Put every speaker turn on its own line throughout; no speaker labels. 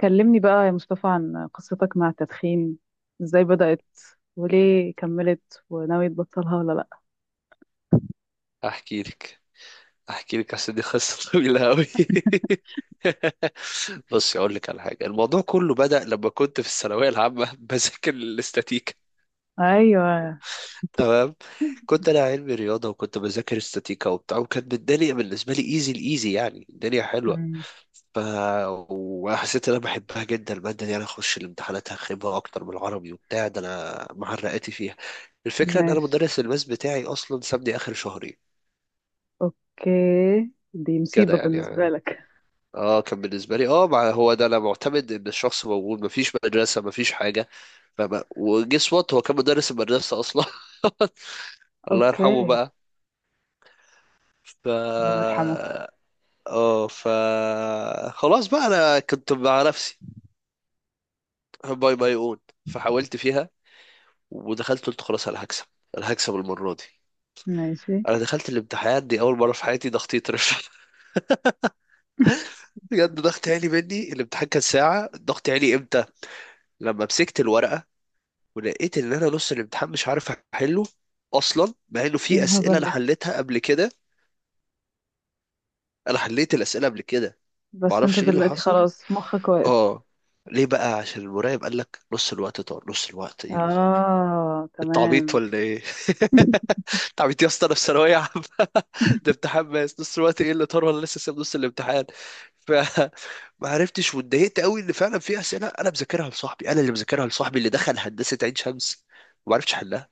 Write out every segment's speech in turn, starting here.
كلمني بقى يا مصطفى عن قصتك مع التدخين. ازاي بدأت؟ وليه كملت؟ وناوي تبطلها ولا لأ؟
احكي لك احكي لك. اصل دي قصه طويله قوي. بص اقول لك على حاجه، الموضوع كله بدأ لما كنت في الثانويه العامه بذاكر الاستاتيكا.
ايوه.
تمام. كنت انا علمي رياضه، وكنت بذاكر استاتيكا وبتاع، وكانت الدنيا بالنسبه لي ايزي الايزي، يعني الدنيا حلوه.
مم.
ف وحسيت ان انا بحبها جدا الماده دي، انا اخش الامتحانات هخيبها اكتر من العربي وبتاع ده، انا معرقاتي فيها. الفكره ان انا
ماشي.
مدرس الماس بتاعي اصلا سابني اخر شهرين.
اوكي. دي
كده
مصيبة
يعني.
بالنسبة لك.
اه كان بالنسبه لي، مع هو ده انا معتمد ان الشخص موجود، مفيش مدرسه مفيش حاجه. فما وجس وات، هو كان مدرس المدرسه اصلا الله يرحمه
اوكي.
بقى. ف
الله يرحمه.
اه ف خلاص بقى انا كنت مع نفسي. باي باي اون. فحاولت فيها، ودخلت قلت خلاص انا هكسب. انا هكسب المره دي.
ماشي، ايه؟
انا دخلت الامتحان، دي اول مره في حياتي ضغطي يترفع بجد ضغط عالي. مني الامتحان كان ساعه الضغط عالي امتى؟ لما مسكت الورقه، ولقيت ان انا نص الامتحان مش عارف احله، اصلا مع انه في اسئله
الهبل
انا
ده.
حليتها قبل كده. انا حليت الاسئله قبل كده.
بس انت
معرفش ايه اللي
دلوقتي
حصل.
خلاص مخك واقف.
اه ليه بقى؟ عشان المراقب قال لك نص الوقت طار؟ نص الوقت ايه اللي طار؟
اه،
التعبيط
تمام.
ولا ايه؟ تعبيط يا اسطى، انا في ثانويه عامه ده امتحان ماس. نص الوقت ايه اللي طار ولا لسه ساب نص الامتحان؟ فما عرفتش، واتضايقت قوي ان فعلا في اسئله انا مذاكرها لصاحبي، انا اللي مذاكرها لصاحبي اللي دخل هندسه عين شمس، وما عرفتش احلها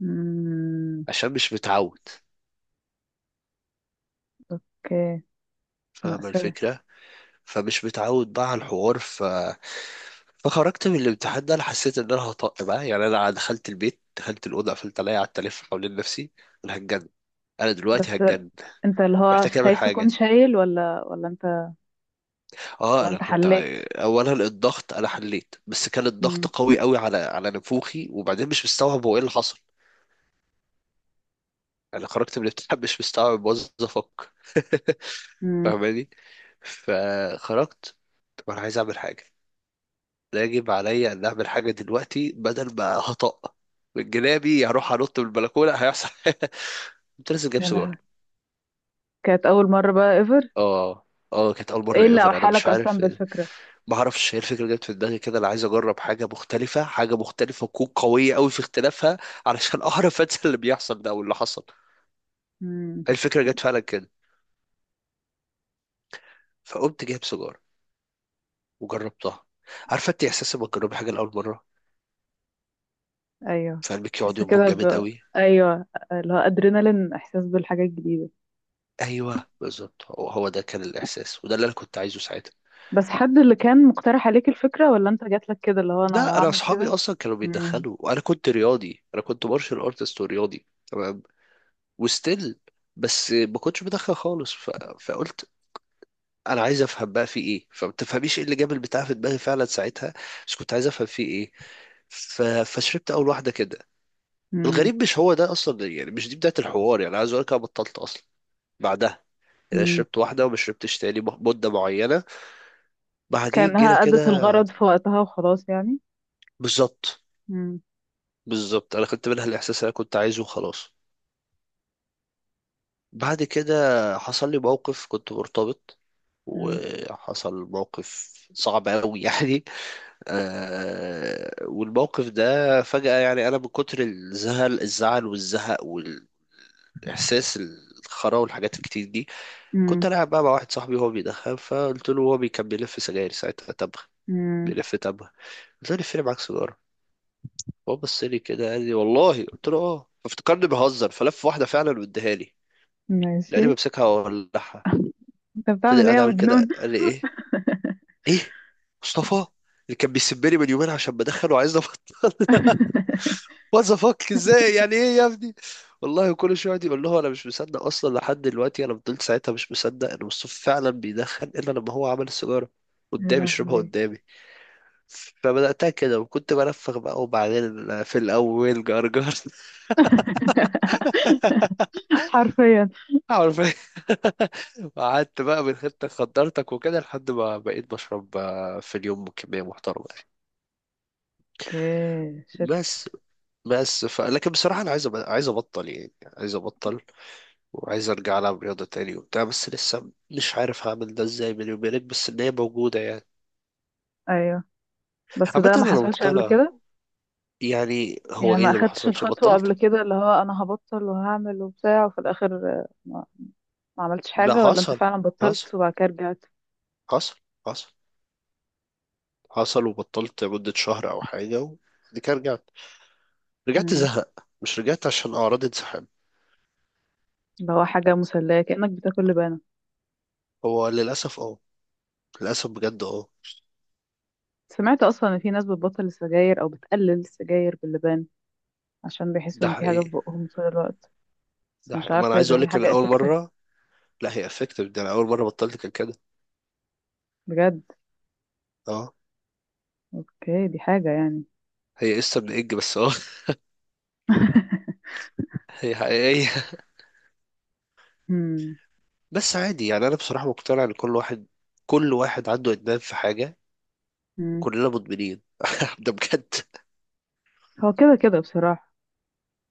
مم.
عشان مش متعود.
اوكي.
فاهم
مأساة.
الفكرة؟ فمش متعود بقى على الحوار. فخرجت من الامتحان ده، انا حسيت ان انا هطق بقى يعني. انا دخلت البيت، دخلت الاوضه، قفلت عليا، قعدت الف حوالين نفسي. انا هتجنن. انا دلوقتي
بس
هتجنن.
انت اللي هو
محتاج اعمل
خايف تكون
حاجه.
شايل ولا انت؟
اه
ولا
انا
انت
كنت،
حليت؟
اولا الضغط انا حليت، بس كان الضغط قوي قوي على نفوخي، وبعدين مش مستوعب هو ايه اللي حصل. انا خرجت من الامتحان مش مستوعب، باظ افكر.
امم.
فاهماني؟ فخرجت. طب انا عايز اعمل حاجه. لا، يجب عليا ان اعمل حاجه دلوقتي بدل ما هطق من جنابي، هروح انط من البلكونه هيحصل كنت لسه جايب
يا
سجار.
لهوي. كانت أول مرة بقى ايفر؟
اه اه كانت اول
ايه
مره
اللي
ايفر، انا مش
أوحالك أصلا
عارف.
بالفكرة؟
ما اعرفش، هي الفكره جت في دماغي كده، انا عايز اجرب حاجه مختلفه، حاجه مختلفه وتكون قويه قوي في اختلافها، علشان اعرف انسى اللي بيحصل ده، او اللي حصل.
امم.
الفكره جت فعلا كده. فقمت جايب سجار، وجربتها. عارفه انت احساس لما تجربي حاجه لاول مره؟
أيوه.
فقلبك يقعد
تحس
ينبض
كده
جامد
ب
قوي.
أيوه، اللي هو أدرينالين، إحساس بالحاجات الجديدة.
ايوه بالظبط، هو هو ده كان الاحساس، وده اللي انا كنت عايزه ساعتها.
بس حد اللي كان مقترح عليك الفكرة، ولا أنت جاتلك كده اللي هو أنا
لا، انا
هعمل
اصحابي
كده؟
اصلا كانوا
امم،
بيتدخلوا، وانا كنت رياضي، انا كنت مارشال ارتست ورياضي. تمام. وستيل. بس ما كنتش بدخل خالص. فقلت انا عايز افهم بقى في ايه، فما تفهميش ايه اللي جاب البتاع في دماغي فعلا ساعتها. بس كنت عايز افهم في ايه. فشربت اول واحده كده.
امم،
الغريب مش هو ده اصلا، يعني مش دي بدايه الحوار، يعني عايز اقول لك انا بطلت اصلا بعدها. يعني
امم.
شربت واحده وما شربتش تاني مده معينه. بعدين جينا
كأنها
كده.
أدت الغرض في وقتها وخلاص يعني.
بالظبط.
امم،
بالظبط، انا خدت منها الاحساس اللي انا كنت عايزه وخلاص. بعد كده حصل لي موقف، كنت مرتبط،
امم،
وحصل موقف صعب قوي يعني. آه، والموقف ده فجأة، يعني انا من كتر الزعل والزهق والاحساس الخرا والحاجات الكتير دي، كنت
امم،
العب بقى مع واحد صاحبي وهو بيدخن، فقلت له هو كان بيلف سجاير ساعتها تبغ.
امم.
بيلف تبغ. قلت له لفني معاك سيجارة. هو بص لي كده، قال لي والله؟ قلت له اه. فافتكرني بهزر، فلف واحدة فعلا واداها لي،
ماشي.
لاني بمسكها واولعها.
أنت
فضل
بتعمل إيه
قاعد
يا
عامل كده،
مجنون؟
قال لي ايه؟ ايه مصطفى؟ اللي كان بيسبني من يومين عشان بدخله، عايز نبط؟ وات ذا فاك، ازاي؟ يعني ايه يا ابني؟ والله كل شويه يقعد يقول له، انا مش مصدق اصلا لحد دلوقتي. انا فضلت ساعتها مش مصدق ان مصطفى فعلا بيدخن، الا لما هو عمل السيجاره
يا
قدامي، شربها
لهوي.
قدامي. فبدأتها كده وكنت بنفخ بقى، وبعدين في الأول جرجر
حرفيا.
عارف؟ وقعدت بقى من غير تخدرتك وكده، لحد ما بقيت بشرب في اليوم كمية محترمة.
اوكي، شت.
بس بس. لكن بصراحة أنا عايز عايز أبطل يعني. عاز أبطل. وعايز أرجع ألعب رياضة تاني وبتاع، بس لسه مش عارف هعمل ده إزاي. بيني وبينك، بس إن هي موجودة يعني.
ايوه. بس
عامة
ده ما
أنا
حصلش قبل
مقتنع.
كده؟
يعني هو
يعني
إيه
ما
اللي ما
اخدتش
حصلش
الخطوة قبل
بطلت؟
كده، اللي هو انا هبطل وهعمل وبتاع وفي الاخر ما عملتش
لا
حاجة، ولا انت
حصل.
فعلا
حصل
بطلت وبعد كده رجعت؟
حصل حصل حصل، وبطلت مدة شهر أو حاجة، وبعد كده رجعت. رجعت
مم.
زهق، مش رجعت عشان أعراض انسحاب.
اللي هو حاجة مسلية، كأنك بتاكل لبانة.
هو للأسف أه، للأسف بجد أه.
سمعت اصلا ان في ناس بتبطل السجاير او بتقلل السجاير باللبان، عشان بيحسوا
ده
ان في حاجة في
حقيقي.
بقهم طول الوقت. بس
ده
مش
حقيقي، ما أنا
عارفة
عايز
اذا هي
أقولك إن
حاجة
أول
افكتيف.
مرة، لا هي افكتيف، ده انا اول مره بطلت كان كده.
بجد؟
اه.
اوكي، دي حاجة يعني.
هي قصه من اج بس، هي حقيقيه.
مم.
بس عادي يعني، انا بصراحه مقتنع ان كل واحد عنده ادمان في حاجه.
مم.
وكلنا مدمنين ده بجد.
هو كده كده، بصراحة.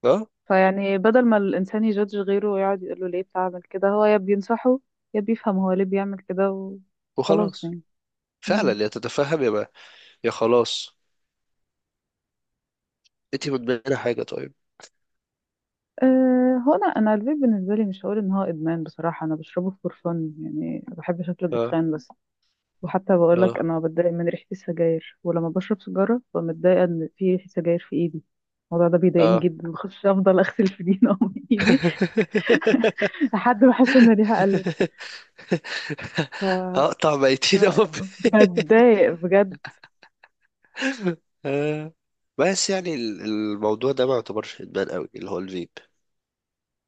اه.
فيعني بدل ما الإنسان يجادج غيره ويقعد يقول له ليه بتعمل كده، هو يا بينصحه يا بيفهم هو ليه بيعمل كده وخلاص
وخلاص.
يعني.
فعلا
مم.
يا تتفهم يا ما، يا خلاص. انت مدمنه حاجه طيب؟
أه، هو أنا الفيب بالنسبة لي مش هقول إن هو إدمان، بصراحة أنا بشربه فور فن يعني، بحب شكل
اه،
الدخان بس. وحتى بقولك
اه،
أنا بتضايق من ريحة السجاير، ولما بشرب سيجارة ببقى متضايقة إن في ريحة سجاير في إيدي. الموضوع ده بيضايقني
اه،
جدا، بخش أفضل أغسل في دي من إيدي. لحد ما أحس إن ريحة قلت. ف...
هقطع ميتين
ف-
أمي
بتضايق بجد.
آه، بس يعني الموضوع ده ما يعتبرش ادمان قوي اللي هو الفيب.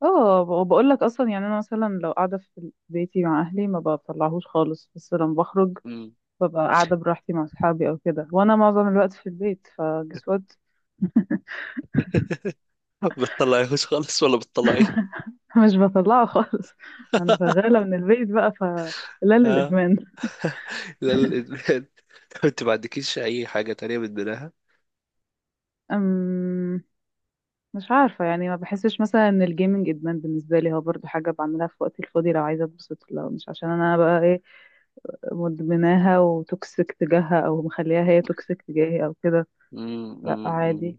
اه، وبقول لك اصلا يعني انا مثلا لو قاعده في بيتي مع اهلي ما بطلعهوش خالص، بس لما بخرج
مم.
ببقى قاعده براحتي مع اصحابي او كده، وانا معظم الوقت في البيت، فجس وات.
بتطلعيهوش خالص ولا بتطلعيه؟
مش بطلعه خالص. انا شغاله من البيت بقى، فلا.
آه،
للادمان.
لا الادمان. طب انت ما عندكيش اي حاجه تانية بتدمنها؟
أم. مش عارفه يعني، ما بحسش مثلا ان الجيمنج ادمان بالنسبه لي، هو برضو حاجه بعملها في وقتي الفاضي لو عايزه اتبسط، لو مش عشان انا بقى ايه مدمناها وتوكسيك تجاهها، او مخليها هي توكسيك تجاهي او كده.
مم.
لا،
مم. مم.
عادي.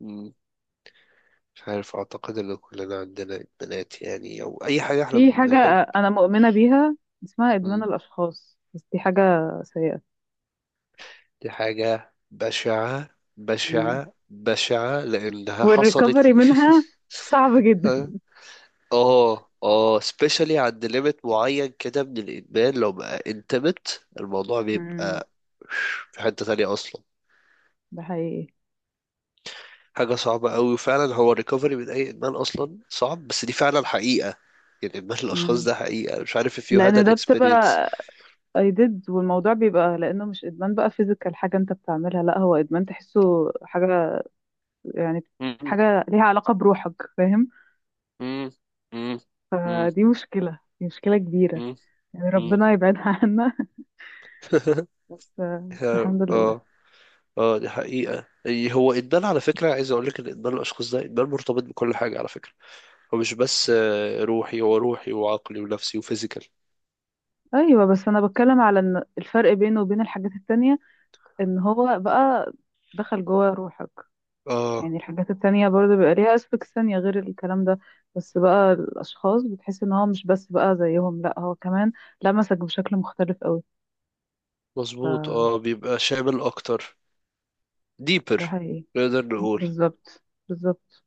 مم. مش عارف، اعتقد ان كلنا عندنا ادمانات، يعني او اي حاجه احنا
في حاجة
بنحب.
أنا مؤمنة بيها، اسمها إدمان
مم.
الأشخاص، بس دي حاجة سيئة.
دي حاجه بشعه،
مم.
بشعه بشعه لانها حصلت
والريكفري
لي.
منها صعب جدا.
اه، اه، سبيشالي عند ليميت معين كده من الادمان، لو بقى انتمت الموضوع
مم.
بيبقى في حتة تانية اصلا.
ده حقيقي.
حاجة صعبة قوي، وفعلا هو الريكفري من اي ادمان اصلا صعب، بس دي فعلا حقيقة. يعني ادمان الاشخاص
مم.
ده حقيقة. مش عارف if you had
لأن
an
ده
experience.
بتبقى I did، والموضوع بيبقى لأنه مش إدمان بقى فيزيكال حاجة أنت بتعملها، لا هو إدمان تحسه حاجة يعني.
مم،
حاجة ليها علاقة بروحك، فاهم؟
مم، مم، مم،
فدي مشكلة، دي مشكلة كبيرة.
مم،
يعني
مم.
ربنا يبعدها عنا. بس بس الحمد
اه،
لله.
اه، دي حقيقة، يعني هو ادمان، على فكرة عايز اقول لك ان ادمان الاشخاص ده ادمان مرتبط بكل حاجة على فكرة. هو مش بس روحي، هو روحي وعقلي ونفسي وفيزيكال.
أيوة، بس أنا بتكلم على إن الفرق بينه وبين الحاجات التانية ان هو بقى دخل جوه روحك.
اه
يعني الحاجات التانية برضه بيبقى ليها aspects تانية غير الكلام ده. بس بقى الأشخاص بتحس ان هو مش بس بقى زيهم، لا هو كمان لمسك بشكل مختلف قوي. ف
مظبوط، بيبقى شامل اكتر. ديبر،
ده حقيقي.
نقدر نقول.
بالظبط، بالظبط.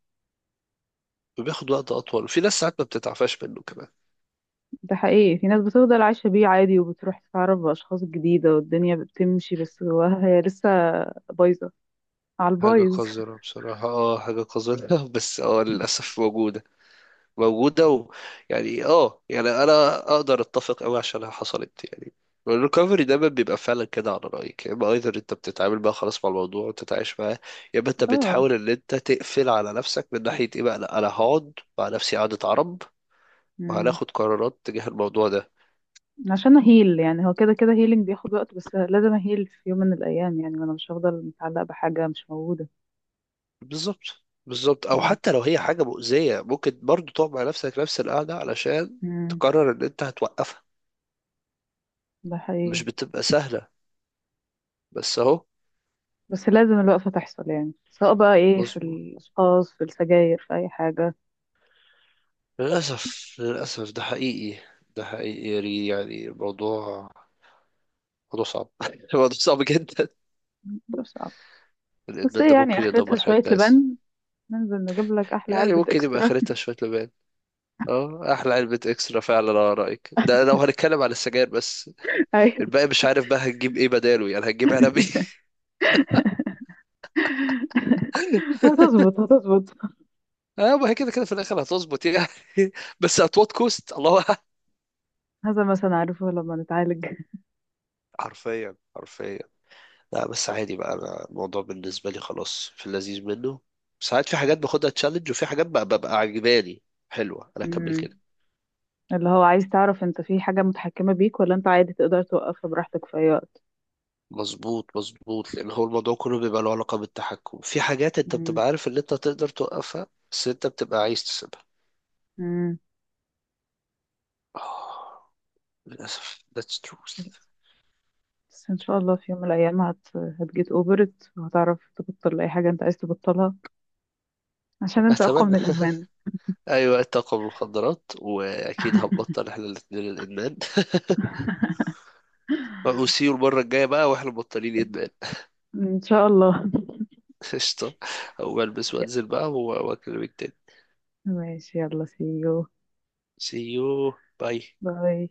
وبياخد وقت اطول، في ناس ساعات ما بتتعفاش منه كمان.
ده حقيقي، في ناس بتفضل عايشة بيه عادي وبتروح تتعرف بأشخاص جديدة والدنيا بتمشي، بس جواها هي لسه بايظة على
حاجة
البايظ.
قذرة بصراحة، حاجة قذرة بس للأسف موجودة. موجودة. يعني يعني انا اقدر اتفق قوي عشانها حصلت يعني. الريكفري دايما بيبقى فعلا كده على رأيك، يا اما ايذر انت بتتعامل بقى خلاص مع الموضوع وتتعايش معاه، يا اما انت
اه.
بتحاول ان انت تقفل على نفسك من ناحية ايه بقى، لا انا هقعد مع نفسي قعدة عرب،
مم.
وهناخد قرارات تجاه الموضوع ده.
عشان اهيل يعني، هو كده كده هيلينج بياخد وقت، بس لازم اهيل في يوم من الايام يعني، وانا مش هفضل متعلقه بحاجه مش موجوده.
بالظبط. بالظبط، او
مم.
حتى لو هي حاجة مؤذية، ممكن برضو تقعد مع نفسك نفس القعدة علشان
مم.
تقرر ان انت هتوقفها.
ده
مش
حقيقي.
بتبقى سهلة، بس اهو.
بس لازم الوقفه تحصل يعني، سواء بقى ايه، في
مظبوط.
الاشخاص، في السجاير، في اي حاجه.
للأسف، للأسف، ده حقيقي. ده حقيقي يا ري. يعني الموضوع موضوع صعب الموضوع صعب جدا.
ده صعب. بس
الإدمان
ايه
ده
يعني،
ممكن
اخرتها
يدمر حياة
شويه
ناس.
لبن. ننزل نجيب لك احلى
يعني
علبه
ممكن يبقى
اكسترا.
آخرتها شوية لبان. اه، أحلى علبة إكسترا فعلا على رأيك، ده لو هنتكلم على السجاير بس.
ايوه.
الباقي مش عارف بقى هنجيب إيه بداله، يعني هنجيب علب إيه؟
هتظبط، هتظبط.
اه، ما هي كده كده في الآخر هتظبط يعني. بس at what cost، الله أعلم.
هذا مثلا، عارفه لما نتعالج.
حرفيا، حرفيا. لا بس عادي بقى، انا الموضوع بالنسبه لي خلاص في اللذيذ منه. ساعات في حاجات باخدها تشالنج، وفي حاجات بقى ببقى عجباني حلوه، انا اكمل
مم.
كده.
اللي هو عايز تعرف، انت في حاجه متحكمه بيك ولا انت عادي تقدر توقفها براحتك في اي وقت؟
مظبوط، مظبوط، لان هو الموضوع كله بيبقى له علاقه بالتحكم في حاجات انت
مم.
بتبقى عارف ان انت تقدر توقفها، بس انت بتبقى عايز تسيبها.
مم.
آه، للاسف that's truth.
للأسف. بس إن شاء الله في يوم من الأيام هتجيت أوفرت وهتعرف تبطل أي حاجة أنت عايز تبطلها. عشان أنت أقوى من
اتمنى
الإدمان.
ايوه الطاقه من المخدرات، واكيد هنبطل احنا الاثنين الادمان وسيو المره الجايه بقى واحنا مبطلين ادمان.
إن شاء الله.
قشطه. او بلبس وانزل بقى واكلمك تاني.
ماشي، يلا see you.
See you. Bye.
باي.